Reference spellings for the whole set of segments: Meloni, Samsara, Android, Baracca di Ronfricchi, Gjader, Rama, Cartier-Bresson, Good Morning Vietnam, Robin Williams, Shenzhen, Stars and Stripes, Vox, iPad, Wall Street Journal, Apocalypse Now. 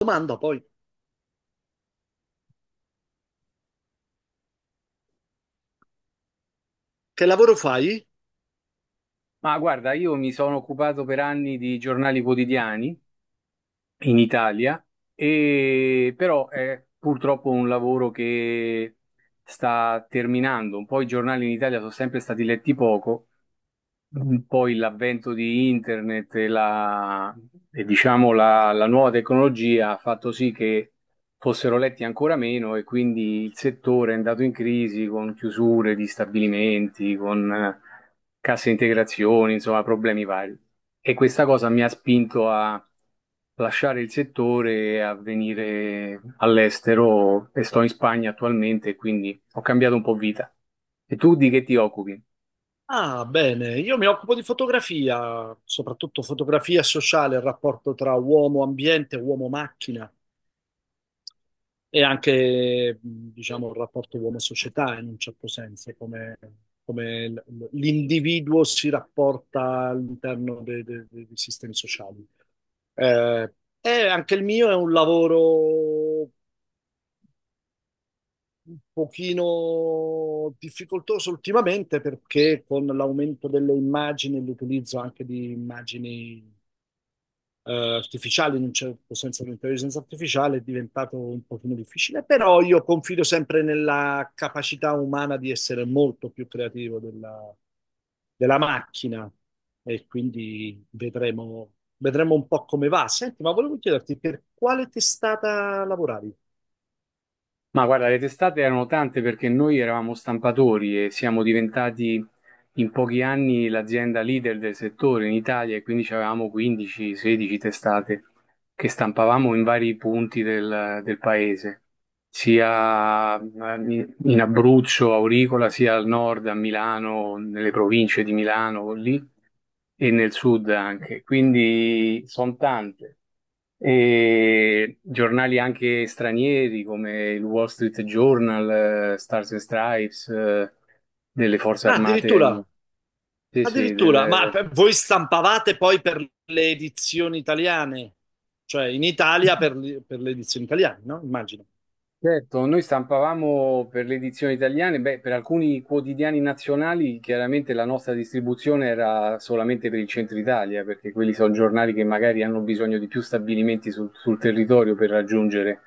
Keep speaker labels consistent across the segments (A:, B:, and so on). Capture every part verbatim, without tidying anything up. A: Domanda poi, che lavoro fai?
B: Ma guarda, io mi sono occupato per anni di giornali quotidiani in Italia, e però è purtroppo un lavoro che sta terminando. Un po' i giornali in Italia sono sempre stati letti poco. Mm. Poi l'avvento di internet e, la, e diciamo la, la nuova tecnologia ha fatto sì che fossero letti ancora meno e quindi il settore è andato in crisi con chiusure di stabilimenti, con eh, casse integrazioni, insomma problemi vari. E questa cosa mi ha spinto a lasciare il settore e a venire all'estero e sto in Spagna attualmente, quindi ho cambiato un po' vita. E tu di che ti occupi?
A: Ah, bene, io mi occupo di fotografia, soprattutto fotografia sociale, il rapporto tra uomo-ambiente, uomo-macchina e anche, mh, diciamo, il rapporto uomo-società in un certo senso, come, come l- l- l'individuo si rapporta all'interno dei, dei- dei sistemi sociali. Eh, e anche il mio è un lavoro un pochino difficoltoso ultimamente perché con l'aumento delle immagini, e l'utilizzo anche di immagini eh, artificiali, in un certo senso l'intelligenza artificiale è diventato un pochino difficile, però io confido sempre nella capacità umana di essere molto più creativo della, della macchina e quindi vedremo, vedremo un po' come va. Senti, ma volevo chiederti per quale testata lavoravi?
B: Ma guarda, le testate erano tante perché noi eravamo stampatori e siamo diventati in pochi anni l'azienda leader del settore in Italia e quindi avevamo quindici a sedici testate che stampavamo in vari punti del, del paese, sia in in Abruzzo, Auricola, sia al nord, a Milano, nelle province di Milano lì e nel sud anche. Quindi sono tante e giornali anche stranieri come il Wall Street Journal, eh, Stars and Stripes, eh, delle forze
A: Ah,
B: armate.
A: addirittura.
B: Sì, sì,
A: Addirittura, ma
B: del-
A: per- voi stampavate poi per le edizioni italiane, cioè in Italia per, le per le edizioni italiane, no? Immagino,
B: certo, noi stampavamo per le edizioni italiane, beh, per alcuni quotidiani nazionali chiaramente la nostra distribuzione era solamente per il centro Italia, perché quelli sono giornali che magari hanno bisogno di più stabilimenti sul, sul territorio per raggiungere,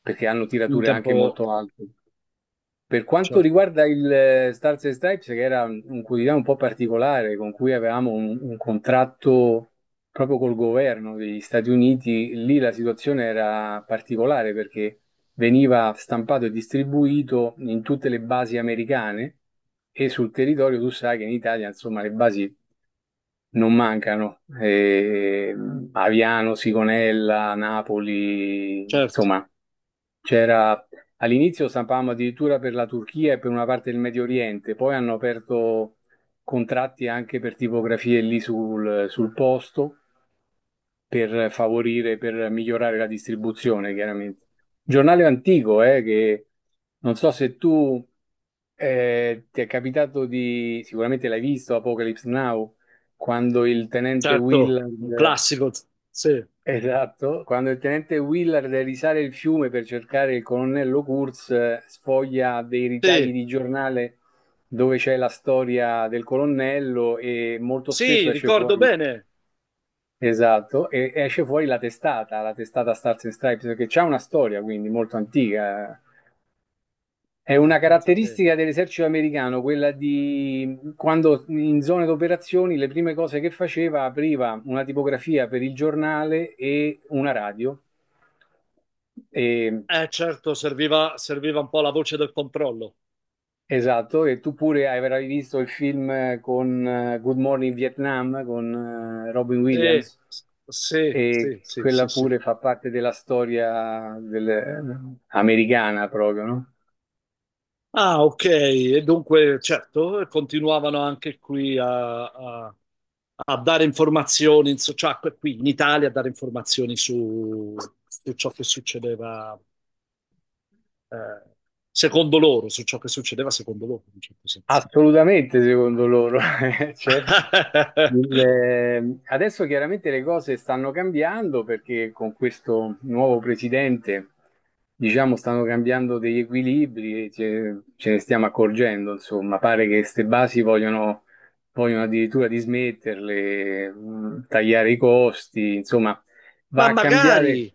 B: perché hanno
A: in
B: tirature anche
A: tempo,
B: molto alte. Per quanto
A: certo,
B: riguarda il eh, Stars and Stripes, che era un un quotidiano un po' particolare, con cui avevamo un, un contratto proprio col governo degli Stati Uniti, lì la situazione era particolare perché veniva stampato e distribuito in tutte le basi americane e sul territorio tu sai che in Italia, insomma, le basi non mancano. Eh, Aviano, Sigonella, Napoli,
A: certo,
B: insomma, c'era all'inizio stampavamo addirittura per la Turchia e per una parte del Medio Oriente, poi hanno aperto contratti anche per tipografie lì sul, sul posto per favorire, per migliorare la distribuzione, chiaramente. Giornale antico, eh, che non so se tu eh, ti è capitato di, sicuramente l'hai visto, Apocalypse Now, quando il tenente
A: certo, un
B: Willard.
A: classico, sì,
B: Esatto, quando il tenente Willard deve risale il fiume per cercare il colonnello Kurz, eh, sfoglia dei ritagli
A: sì,
B: di giornale dove c'è la storia del colonnello e molto spesso
A: sì,
B: esce
A: ricordo
B: fuori,
A: bene.
B: esatto, e esce fuori la testata, la testata Stars and Stripes, perché c'è una storia quindi molto antica, eh. È
A: Ah,
B: una
A: pensate,
B: caratteristica dell'esercito americano quella di quando in zone d'operazioni le prime cose che faceva apriva una tipografia per il giornale e una radio. E-
A: eh certo, serviva, serviva un po' la voce del controllo.
B: esatto, e tu pure avrai visto il film eh, con eh, Good Morning Vietnam con eh, Robin
A: Sì,
B: Williams
A: sì,
B: e
A: sì, sì,
B: quella
A: sì, sì.
B: pure fa parte della storia del- eh, americana proprio, no?
A: Ah, ok, e dunque, certo, continuavano anche qui a, a- a dare informazioni, su- cioè que- qui in Italia a dare informazioni su, su ciò che succedeva eh, secondo loro, su ciò che succedeva secondo loro, in un certo senso.
B: Assolutamente, secondo loro, eh, certo. Il, eh, adesso chiaramente le cose stanno cambiando perché con questo nuovo presidente, diciamo, stanno cambiando degli equilibri e ce, ce ne stiamo accorgendo, insomma, pare che queste basi vogliono, vogliono addirittura dismetterle, mh, tagliare i costi, insomma, va
A: Ma
B: a
A: magari
B: cambiare,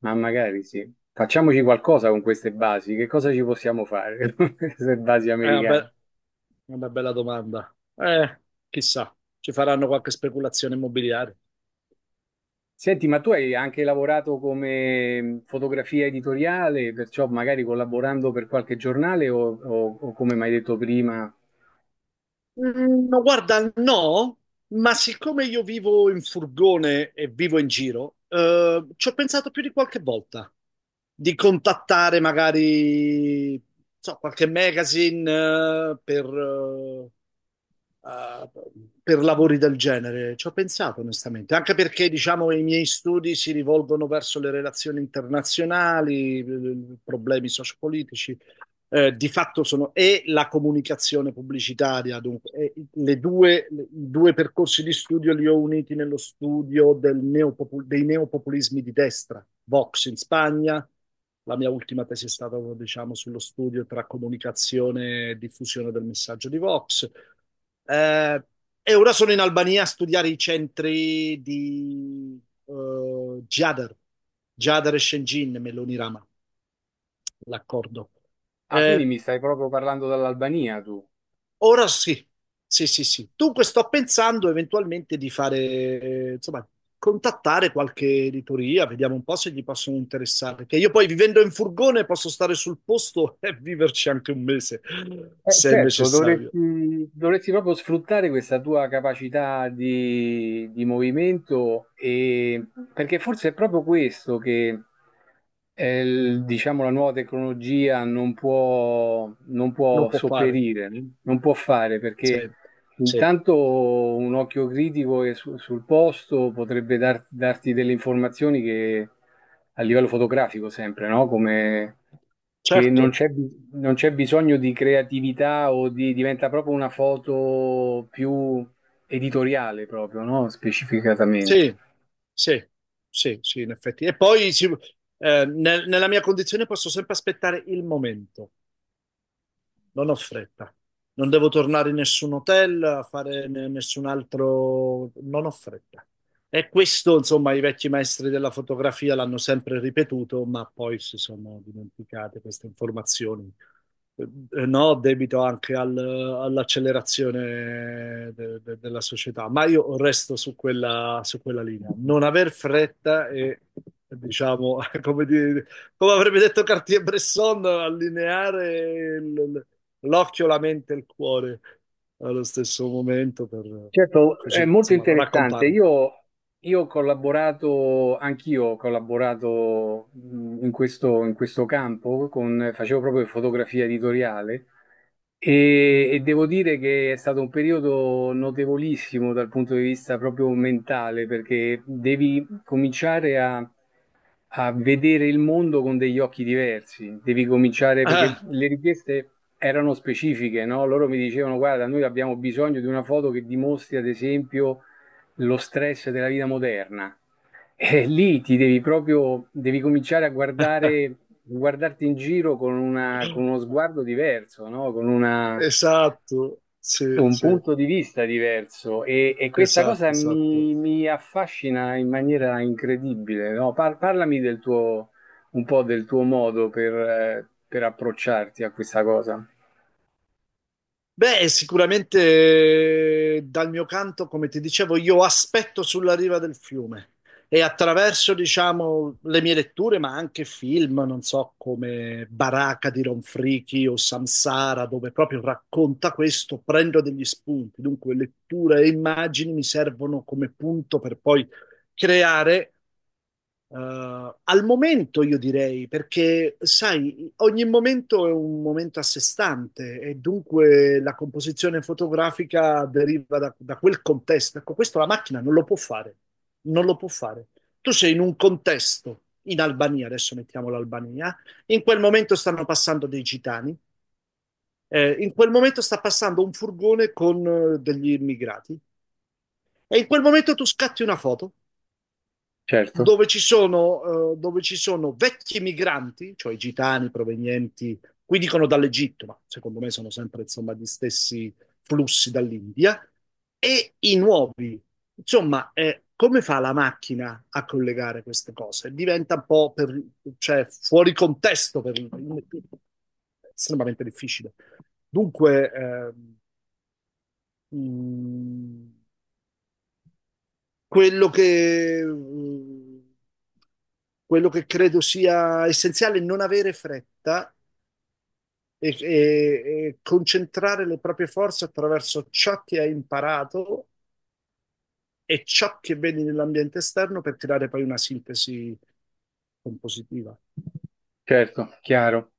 B: ma magari sì. Facciamoci qualcosa con queste basi, che cosa ci possiamo fare con queste basi
A: eh, vabbè, è una,
B: americane?
A: be- una bella domanda. Eh, chissà, ci faranno qualche speculazione immobiliare.
B: Senti, ma tu hai anche lavorato come mm, fotografia editoriale, perciò magari collaborando per qualche giornale o, o- o come mi hai detto prima.
A: Mm, no, Guarda, no, ma siccome io vivo in furgone e vivo in giro, eh, ci ho pensato più di qualche volta di contattare magari, non so, qualche magazine, eh, per, eh, eh, per lavori del genere. Ci ho pensato onestamente, anche perché, diciamo, i miei studi si rivolgono verso le relazioni internazionali, eh, problemi sociopolitici eh, di fatto sono e la comunicazione pubblicitaria, dunque, le due, le- i due percorsi di studio li ho uniti nello studio del neopopu- dei neopopulismi di destra, Vox in Spagna, la mia ultima tesi è stata, diciamo, sullo studio tra comunicazione e diffusione del messaggio di Vox. Eh, e ora sono in Albania a studiare i centri di eh, Gjader, Gjader e Shenzhen, Meloni Rama, l'accordo.
B: Ah, quindi
A: Eh,
B: mi stai proprio parlando dall'Albania tu?
A: Ora sì, sì, sì, sì. Dunque sto pensando eventualmente di fare, eh, insomma, contattare qualche editoria, vediamo un po' se gli possono interessare, che io poi vivendo in furgone posso stare sul posto e viverci anche un mese,
B: Eh,
A: se è
B: certo,
A: necessario.
B: dovresti, dovresti proprio sfruttare questa tua capacità di, di movimento e, perché forse è proprio questo che eh, il- diciamo, la nuova tecnologia non può, non
A: Non
B: può
A: può fare.
B: sopperire, non può fare
A: Sì,
B: perché
A: sì,
B: intanto un occhio critico e su- sul posto potrebbe dar- darti delle informazioni che a livello fotografico sempre, no? Come che non
A: certo,
B: c'è bi- non c'è bisogno di creatività o di diventa proprio una foto più editoriale proprio, no? Specificatamente.
A: sì, sì, sì, sì, in effetti. E poi sì, eh, nel- nella mia condizione posso sempre aspettare il momento. Non ho fretta. Non devo tornare in nessun hotel a fare ne- nessun altro, non ho fretta. E questo, insomma, i vecchi maestri della fotografia l'hanno sempre ripetuto, ma poi si sono dimenticate queste informazioni. Eh, No, debito anche al- all'accelerazione de- de- della società, ma io resto su quella, su quella linea. Non aver fretta e, diciamo, come, dire- come avrebbe detto Cartier-Bresson, allineare il, l'occhio, la mente e il cuore allo stesso momento per
B: Certo, è
A: così,
B: molto
A: insomma,
B: interessante.
A: raccontare.
B: Io, io ho collaborato, anch'io ho collaborato mh, in questo, in questo campo, con- facevo proprio fotografia editoriale e, e devo dire che è stato un periodo notevolissimo dal punto di vista proprio mentale, perché devi cominciare a a vedere il mondo con degli occhi diversi. Devi cominciare perché
A: Ah,
B: le richieste erano specifiche, no? Loro mi dicevano: guarda, noi abbiamo bisogno di una foto che dimostri, ad esempio, lo stress della vita moderna. E lì ti devi proprio, devi cominciare a guardare, guardarti in giro con una- con uno sguardo diverso, no? Con una
A: esatto, sì,
B: un
A: sì,
B: punto di vista diverso e, e questa cosa
A: esatto, esatto.
B: mi, mi affascina in maniera incredibile, no? Par- parlami del tuo, un po' del tuo modo per, eh, per approcciarti a questa cosa.
A: Beh, sicuramente eh, dal mio canto, come ti dicevo, io aspetto sulla riva del fiume e attraverso, diciamo, le mie letture, ma anche film, non so, come Baracca di Ronfricchi o Samsara, dove proprio racconta questo, prendo degli spunti. Dunque, lettura e immagini mi servono come punto per poi creare. Eh, al momento io direi, perché sai, ogni momento è un momento a sé stante e dunque la composizione fotografica deriva da, da quel contesto. Ecco, questo la macchina non lo può fare, non lo può fare. Tu sei in un contesto, in Albania, adesso mettiamo l'Albania, in quel momento stanno passando dei gitani, eh, in quel momento sta passando un furgone con eh, degli immigrati e in quel momento tu scatti una foto
B: Certo,
A: dove ci sono, eh, dove ci sono vecchi migranti, cioè gitani provenienti, qui dicono dall'Egitto, ma secondo me sono sempre insomma gli stessi flussi dall'India, e i nuovi. Insomma, eh, come fa la macchina a collegare queste cose? Diventa un po' per, cioè, fuori contesto per estremamente difficile. Dunque, eh, mh, quello che, mh, quello che credo sia essenziale è non avere fretta e, e- e concentrare le proprie forze attraverso ciò che hai imparato e ciò che vedi nell'ambiente esterno per creare poi una sintesi compositiva.
B: certo, chiaro.